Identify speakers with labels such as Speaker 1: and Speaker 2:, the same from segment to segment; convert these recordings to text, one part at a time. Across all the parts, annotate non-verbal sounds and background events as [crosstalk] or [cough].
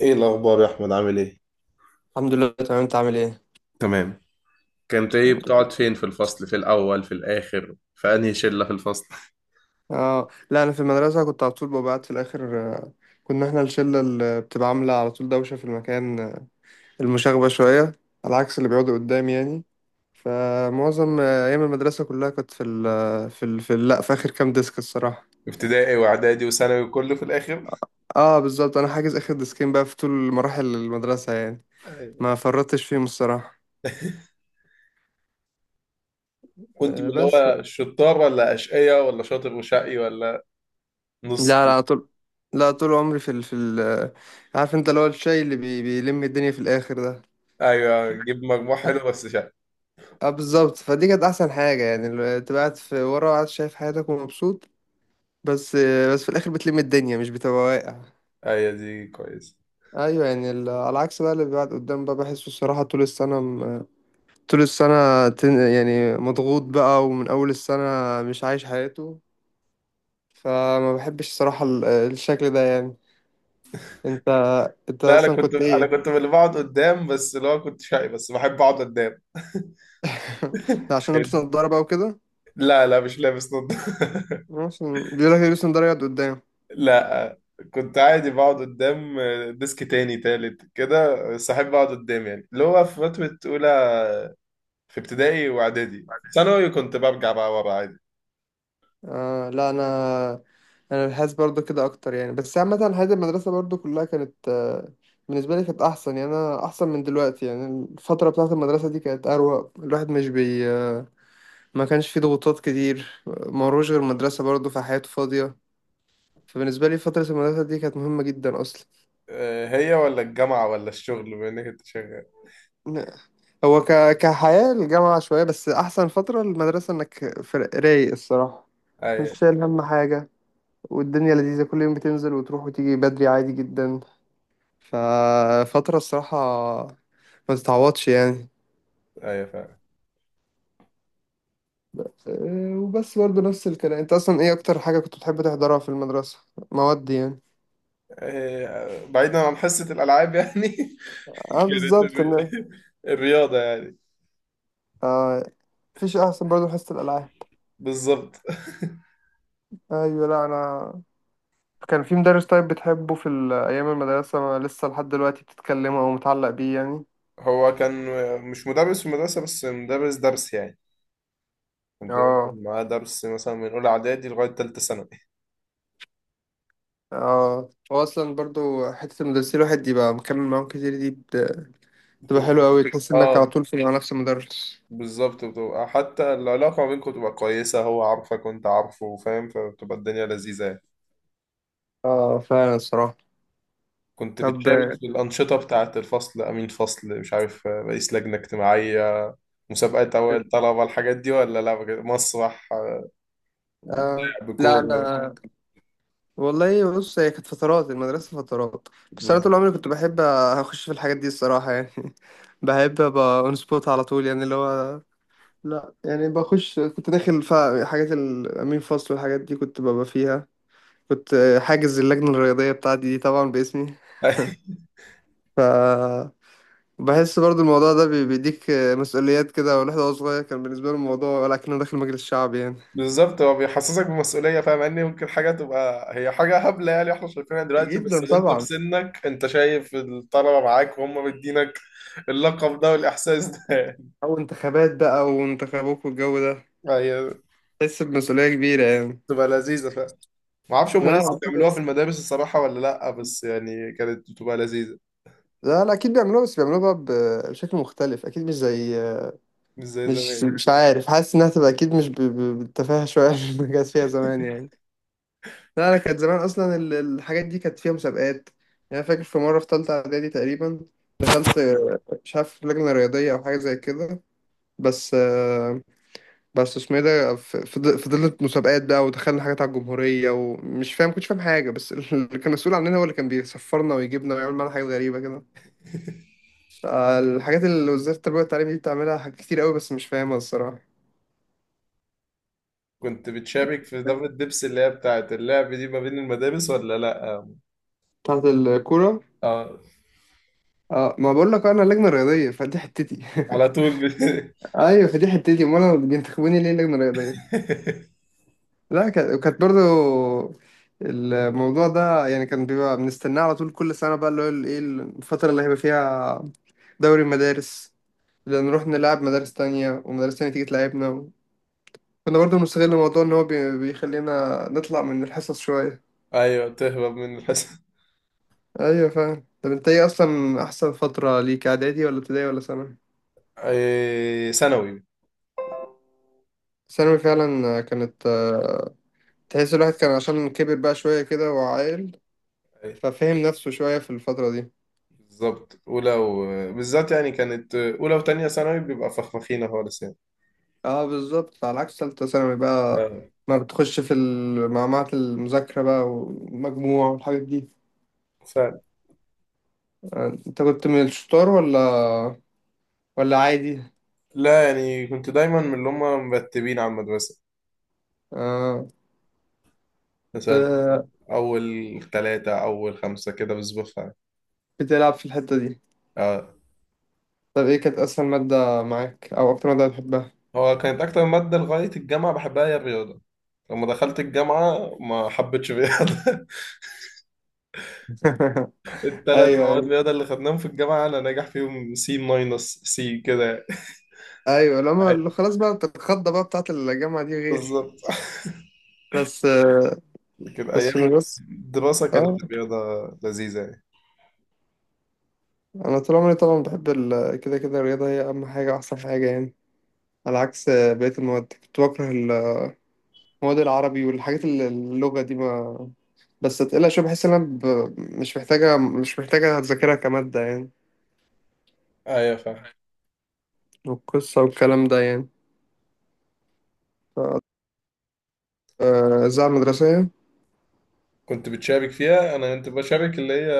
Speaker 1: ايه الاخبار يا احمد، عامل ايه؟
Speaker 2: الحمد لله تمام، انت عامل ايه؟
Speaker 1: تمام. كنت ايه،
Speaker 2: الحمد
Speaker 1: بتقعد
Speaker 2: لله.
Speaker 1: فين في الفصل، في الاول في الاخر، في انهي شله في الفصل؟
Speaker 2: اه لا، انا في المدرسه كنت على طول ببعت في الاخر. كنا احنا الشله اللي بتبقى عامله على طول دوشه في المكان، المشاغبه شويه، على عكس اللي بيقعدوا قدام يعني. فمعظم ايام المدرسه كلها كنت في ال آه، في ال في ال- لا، في اخر كام ديسك الصراحه.
Speaker 1: ابتدائي واعدادي وثانوي، وكله في الاخر؟
Speaker 2: اه بالظبط، انا حاجز اخر ديسكين بقى في طول مراحل المدرسه يعني.
Speaker 1: أيوة.
Speaker 2: ما فرطتش فيهم الصراحه.
Speaker 1: [laughs] كنت من
Speaker 2: آه
Speaker 1: اللي
Speaker 2: بس ف...
Speaker 1: هو الشطار، ولا اشقية، ولا شاطر وشقي، ولا نص؟
Speaker 2: لا لا، طول. لا طول عمري في ال. عارف انت اللي هو الشاي اللي بيلم الدنيا في الاخر ده.
Speaker 1: ايوه، جيب مجموع حلو بس شقي.
Speaker 2: اه بالظبط، فدي كانت احسن حاجه يعني، تبقى قاعد في ورا وقاعد شايف حياتك ومبسوط. بس، بس في الاخر بتلم الدنيا مش بتبقى واقع.
Speaker 1: ايوه، دي كويس.
Speaker 2: ايوه يعني، على العكس بقى، اللي بيقعد قدام بقى بحسه الصراحه طول السنه طول السنه يعني مضغوط بقى ومن اول السنه مش عايش حياته. فما بحبش الصراحه الشكل ده يعني. انت انت
Speaker 1: لا، انا
Speaker 2: اصلا
Speaker 1: كنت
Speaker 2: كنت
Speaker 1: انا
Speaker 2: ايه؟
Speaker 1: كنت من اللي بقعد قدام، بس اللي هو كنت شقي بس بحب اقعد قدام.
Speaker 2: [laughs] ده عشان
Speaker 1: [laughs]
Speaker 2: لابس نضاره بقى وكده؟
Speaker 1: لا لا، مش لابس نضاره.
Speaker 2: عشان بيقول لك لابس نضاره يقعد قدام.
Speaker 1: لا، كنت عادي بقعد قدام. ديسك تاني تالت كده، بس احب اقعد قدام، يعني اللي هو في فترة أولى، في ابتدائي وإعدادي. ثانوي كنت برجع بقى ورا عادي.
Speaker 2: آه لا، انا بحس برضو كده اكتر يعني، بس عامه حياه المدرسه برضو كلها كانت، بالنسبه لي كانت احسن يعني، انا احسن من دلوقتي يعني. الفتره بتاعه المدرسه دي كانت اروق، الواحد مش بي آه، ما كانش فيه ضغوطات كتير، ما وروش غير مدرسه برضو فحياته فاضيه. فبالنسبه لي فتره المدرسه دي كانت مهمه جدا اصلا.
Speaker 1: هي ولا الجامعة ولا الشغل، بما إنك كنت شغال؟
Speaker 2: كحياه الجامعه شويه، بس احسن فتره المدرسه انك رايق الصراحه.
Speaker 1: أي.
Speaker 2: مش شايل هم حاجة، والدنيا لذيذة، كل يوم بتنزل وتروح وتيجي بدري عادي جدا. ففترة الصراحة ما تتعوضش يعني.
Speaker 1: أي فعلا.
Speaker 2: وبس برضه نفس الكلام، انت اصلا ايه اكتر حاجة كنت بتحب تحضرها في المدرسة؟ مواد يعني.
Speaker 1: بعيدا عن حصة الألعاب يعني. [laughs]
Speaker 2: اه
Speaker 1: كانت
Speaker 2: بالظبط.
Speaker 1: الرياضة يعني.
Speaker 2: اه، مفيش احسن برضه من حصة الالعاب.
Speaker 1: بالظبط.
Speaker 2: ايوه لا، انا كان في مدرس طيب بتحبه في ايام المدرسة، ما لسه لحد دلوقتي بتتكلمه او متعلق بيه يعني؟
Speaker 1: هو كان مش مدرس في المدرسة، بس مدرس درس يعني. كنت باخد
Speaker 2: اه
Speaker 1: معاه درس مثلا من أولى إعدادي لغاية تالتة ثانوي.
Speaker 2: اه، هو اصلا برضه حتة المدرسين الواحد يبقى مكمل معاهم كتير دي بتبقى
Speaker 1: بتبقى
Speaker 2: حلوة اوي، تحس انك على
Speaker 1: اه
Speaker 2: طول في مع نفس المدرس.
Speaker 1: بالظبط، بتبقى حتى العلاقة ما بينكم بتبقى كويسة، هو عارفك وانت عارفه فاهم، فبتبقى الدنيا لذيذة يعني.
Speaker 2: اه فعلا الصراحة.
Speaker 1: كنت
Speaker 2: طب،
Speaker 1: بتشارك في الأنشطة بتاعة الفصل، أمين فصل مش عارف، رئيس لجنة اجتماعية، مسابقات أوائل طلبة، الحاجات دي ولا لا، بجد؟ مسرح،
Speaker 2: آه
Speaker 1: ولعب
Speaker 2: لا،
Speaker 1: كورة؟
Speaker 2: انا والله بص، هي كانت فترات المدرسه فترات، بس انا
Speaker 1: بالظبط.
Speaker 2: طول عمري كنت بحب اخش في الحاجات دي الصراحه يعني. [laughs] بحب ابقى اون سبوت على طول يعني، اللي هو لا يعني بخش، كنت داخل في حاجات الامين فصل والحاجات دي كنت ببقى فيها. كنت حاجز اللجنه الرياضيه بتاعتي دي طبعا باسمي.
Speaker 1: [laughs]
Speaker 2: ف بحس برضو الموضوع ده بيديك مسؤوليات كده، والواحد وهو صغير كان بالنسبه له الموضوع ولكنه داخل مجلس شعبي يعني.
Speaker 1: بالظبط، هو بيحسسك بمسؤولية، فاهم إن ممكن حاجة تبقى هي حاجة هبلة يعني احنا شايفينها دلوقتي، بس
Speaker 2: جدا
Speaker 1: اللي انت في
Speaker 2: طبعا.
Speaker 1: سنك انت شايف الطلبة معاك وهم مدينك اللقب ده والإحساس ده.
Speaker 2: أو انتخابات بقى وانتخابوك والجو ده،
Speaker 1: هي
Speaker 2: تحس بمسؤولية كبيرة يعني.
Speaker 1: بتبقى لذيذة فعلا. ما اعرفش هم
Speaker 2: لا
Speaker 1: لسه
Speaker 2: لا.
Speaker 1: بيعملوها في المدارس الصراحة ولا لأ، بس يعني كانت بتبقى لذيذة.
Speaker 2: لا لا، أكيد بيعملوها، بس بيعملوها بقى بشكل مختلف، أكيد مش زي.
Speaker 1: مش زي
Speaker 2: مش
Speaker 1: زمان.
Speaker 2: مش عارف، حاسس إنها تبقى أكيد مش بالتفاهة شوية [laughs] اللي كانت فيها زمان يعني. لا أنا، كانت زمان أصلا الحاجات دي كانت فيها مسابقات يعني. أنا فاكر في مرة في تالتة إعدادي تقريبا دخلت مش عارف لجنة رياضية أو حاجة زي كده. بس، بس اسمه ايه ده فضلت مسابقات بقى، ودخلنا حاجات على الجمهورية، ومش فاهم، كنتش فاهم حاجة، بس اللي كان مسؤول عننا هو اللي كان بيسفرنا ويجيبنا ويعمل معانا حاجات غريبة كده. الحاجات اللي وزارة التربية والتعليم دي بتعملها حاجات كتير قوي بس مش فاهمها الصراحة.
Speaker 1: كنت بتشارك في دورة دبس، اللي هي بتاعت اللعب دي، ما بين المدارس ولا لأ؟ اه.
Speaker 2: بتاعت الكورة.
Speaker 1: آه،
Speaker 2: اه، ما بقول لك انا لجنة رياضية، فدي حتتي.
Speaker 1: على طول.
Speaker 2: [laughs] ايوه فدي حتتي، امال انا بينتخبوني ليه لجنة رياضية؟
Speaker 1: [laughs]
Speaker 2: لا، كانت برضو الموضوع ده يعني كان بيبقى بنستناه على طول كل سنة بقى، اللي هو ايه الفترة اللي هيبقى فيها دوري مدارس، نروح نلعب مدارس تانية ومدارس تانية تيجي تلعبنا، كنا برضه بنستغل الموضوع إن هو بيخلينا نطلع من الحصص شوية.
Speaker 1: ايوه، تهرب من الحصة.
Speaker 2: أيوة فعلا. طب أنت إيه أصلا أحسن فترة ليك، إعدادي ولا ابتدائي ولا ثانوي؟
Speaker 1: ثانوي.
Speaker 2: ثانوي فعلا كانت، تحس الواحد كان عشان كبر بقى شوية كده وعاقل،
Speaker 1: أي،
Speaker 2: ففهم نفسه شوية في الفترة دي.
Speaker 1: بالظبط أولى. بالذات يعني كانت أولى وتانية ثانوي بيبقى فخفخينة خالص يعني.
Speaker 2: اه بالظبط، على عكس تالتة ثانوي بقى،
Speaker 1: آه.
Speaker 2: ما بتخش في معمعة المذاكرة بقى والمجموع والحاجات دي.
Speaker 1: فعلا.
Speaker 2: انت كنت من الشطار ولا، ولا عادي؟
Speaker 1: لا يعني كنت دايما من اللي هم مرتبين على المدرسة.
Speaker 2: آه.
Speaker 1: مثلا
Speaker 2: ب...
Speaker 1: اول ثلاثة اول خمسة كده بظبطها يعني.
Speaker 2: بتلعب في الحتة دي.
Speaker 1: اه.
Speaker 2: طب ايه كانت اسهل مادة معاك او اكتر مادة بتحبها؟
Speaker 1: هو كانت اكتر مادة لغاية الجامعة بحبها هي الرياضة. لما دخلت الجامعة ما حبيتش الرياضة. [laughs]
Speaker 2: [laughs]
Speaker 1: الثلاث
Speaker 2: ايوه
Speaker 1: مواد
Speaker 2: ايوه.
Speaker 1: رياضة اللي خدناهم في الجامعة، انا ناجح فيهم سي ماينس سي كده
Speaker 2: ايوه لما
Speaker 1: يعني.
Speaker 2: اللي خلاص بقى، الخضة بقى بتاعت الجامعة دي غير.
Speaker 1: بالظبط. [laughs]
Speaker 2: بس
Speaker 1: لكن
Speaker 2: بس في
Speaker 1: ايام
Speaker 2: المدرسة
Speaker 1: الدراسة كانت
Speaker 2: اه،
Speaker 1: الرياضة لذيذة يعني.
Speaker 2: انا طول عمري طبعا بحب كده كده الرياضة هي اهم حاجة، احسن حاجة يعني. على عكس بقية المواد كنت بكره المواد، العربي والحاجات اللغة دي ما، بس تقيلة شوية، بحس ان انا مش محتاجة اذاكرها كمادة يعني،
Speaker 1: ايوه، فاهم.
Speaker 2: والقصة والكلام ده يعني. الإذاعة المدرسية.
Speaker 1: كنت بتشارك فيها؟ انا كنت بشارك اللي هي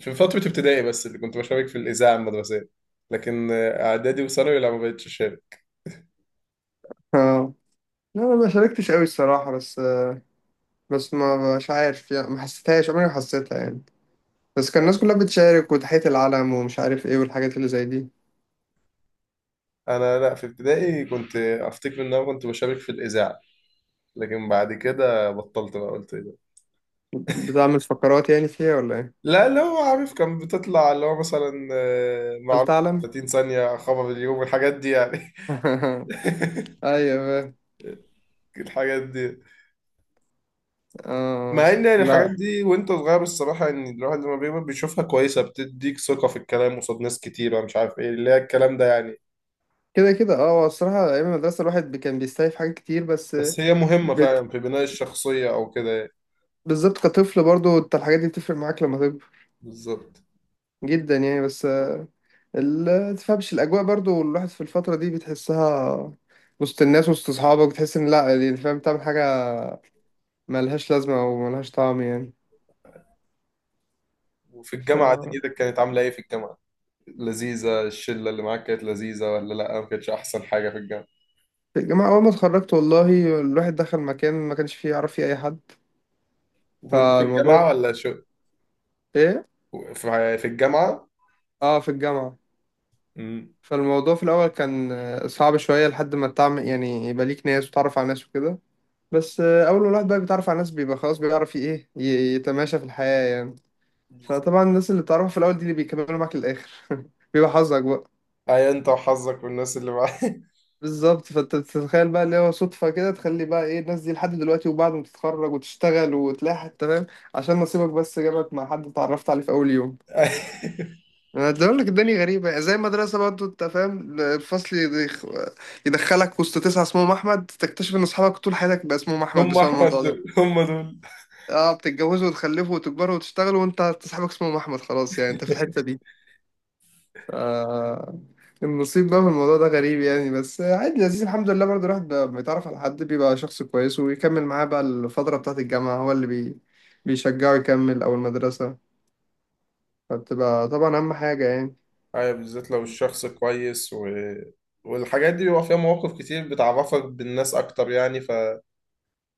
Speaker 1: في فترة ابتدائي بس، اللي كنت بشارك في الإذاعة المدرسية. لكن اعدادي وثانوي، لا، ما بقتش اشارك.
Speaker 2: [laughs] لا انا ما شاركتش قوي الصراحه. بس، بس ما مش عارف يعني، ما حسيتهاش، عمري ما حسيتها يعني، بس كان الناس كلها بتشارك وتحية العلم ومش عارف ايه والحاجات اللي زي دي.
Speaker 1: انا، لا، في ابتدائي كنت افتكر ان انا كنت بشارك في الاذاعه، لكن بعد كده بطلت بقى، قلت ايه ده.
Speaker 2: بتعمل فقرات يعني فيها ولا ايه؟
Speaker 1: لا، اللي هو عارف كان بتطلع اللي هو مثلا،
Speaker 2: هل
Speaker 1: معلومه
Speaker 2: تعلم.
Speaker 1: 30 ثانيه، خبر اليوم، الحاجات دي يعني.
Speaker 2: [laughs] ايوه بقى.
Speaker 1: [laughs] الحاجات دي،
Speaker 2: اه
Speaker 1: مع ان يعني الحاجات
Speaker 2: لا،
Speaker 1: دي وانت صغير الصراحه، ان الواحد لما بيكبر بيشوفها كويسه، بتديك ثقه في الكلام قصاد ناس كتيره، مش عارف ايه اللي هي الكلام ده يعني.
Speaker 2: كده كده اه، هو الصراحه ايام المدرسه الواحد كان بيستايف حاجات كتير بس.
Speaker 1: بس هي مهمه
Speaker 2: بت...
Speaker 1: فعلا في بناء الشخصيه او كده يعني.
Speaker 2: بالظبط، كطفل برضو انت الحاجات دي بتفرق معاك لما تكبر
Speaker 1: بالظبط.
Speaker 2: جدا يعني. بس تفهمش الاجواء برضو الواحد في الفتره دي بتحسها، وسط الناس وسط اصحابك، بتحس ان لا يعني، فاهم، تعمل حاجه ملهاش لازمه او ملهاش طعم يعني.
Speaker 1: وفي
Speaker 2: ف
Speaker 1: الجامعه دنيتك كانت عامله ايه في الجامعه؟ لذيذة، الشلة اللي معاك كانت لذيذة ولا لأ، ما كانتش أحسن حاجة في الجامعة؟
Speaker 2: في الجامعه اول ما اتخرجت، والله الواحد دخل مكان ما كانش فيه يعرف فيه اي حد.
Speaker 1: وكنت في الجامعة
Speaker 2: فالموضوع
Speaker 1: ولا شو؟
Speaker 2: ايه،
Speaker 1: في الجامعة.
Speaker 2: اه في الجامعه،
Speaker 1: امم.
Speaker 2: فالموضوع في الاول كان صعب شويه لحد ما تعمل يعني يبقى ليك ناس وتعرف على ناس وكده. بس اول ما الواحد بقى بيتعرف على ناس بيبقى خلاص بيعرف ايه يتماشى في الحياه يعني. فطبعا الناس اللي بتعرفها في الاول دي اللي بيكملوا معاك للاخر. [laughs] بيبقى حظك بقى.
Speaker 1: أي، أنت وحظك والناس اللي معاك.
Speaker 2: بالظبط، فانت بتتخيل بقى اللي هو صدفه كده تخلي بقى ايه الناس دي لحد دلوقتي، وبعد ما تتخرج وتشتغل وتلاقي حتى، فاهم، عشان نصيبك بس جابك مع حد اتعرفت عليه في اول يوم.
Speaker 1: [laughs]
Speaker 2: انا بقول لك الدنيا غريبه زي المدرسه برضه، انت فاهم، الفصل يدخلك وسط تسعه اسمهم احمد، تكتشف ان اصحابك طول حياتك بقى اسمهم احمد
Speaker 1: هم
Speaker 2: بسبب
Speaker 1: أحمد
Speaker 2: الموضوع ده.
Speaker 1: دول، هم دول.
Speaker 2: [laughs] اه، بتتجوزوا وتخلفوا وتكبروا وتشتغلوا وانت صاحبك اسمه احمد، خلاص يعني انت في الحته دي. آه، النصيب بقى في الموضوع ده غريب يعني. بس عادي لذيذ الحمد لله، برضه الواحد بقى بيتعرف على حد بيبقى شخص كويس ويكمل معاه بقى. الفترة بتاعة الجامعة هو اللي بيشجعه يكمل، أو المدرسة، فبتبقى طبعا أهم حاجة يعني.
Speaker 1: أي، بالذات لو الشخص كويس. والحاجات دي بيبقى فيها مواقف كتير بتعرفك بالناس أكتر يعني.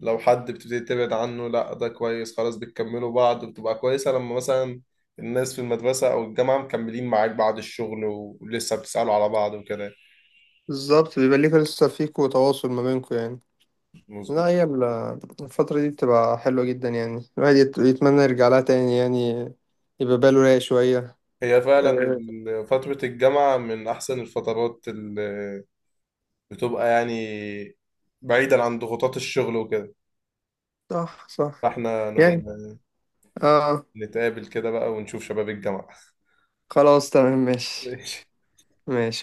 Speaker 1: لو حد بتبتدي تبعد عنه، لا ده كويس، خلاص بتكملوا بعض وبتبقى كويسة، لما مثلا الناس في المدرسة أو الجامعة مكملين معاك بعد الشغل ولسه بتسألوا على بعض وكده.
Speaker 2: بالظبط، بيبقى ليك لسه فيكوا تواصل ما بينكوا يعني.
Speaker 1: مظبوط.
Speaker 2: لا، هي الفترة دي بتبقى حلوة جدا يعني، الواحد يتمنى يرجع لها تاني يعني، يبقى باله رايق شوية.
Speaker 1: هي فعلا
Speaker 2: آه،
Speaker 1: فترة الجامعة من أحسن الفترات اللي بتبقى، يعني بعيدا عن ضغوطات الشغل وكده.
Speaker 2: صح صح
Speaker 1: فاحنا نبقى
Speaker 2: يعني. اه.
Speaker 1: نتقابل كده بقى ونشوف شباب الجامعة.
Speaker 2: خلاص تمام
Speaker 1: [laughs]
Speaker 2: ماشي.
Speaker 1: ماشي.
Speaker 2: ماشي.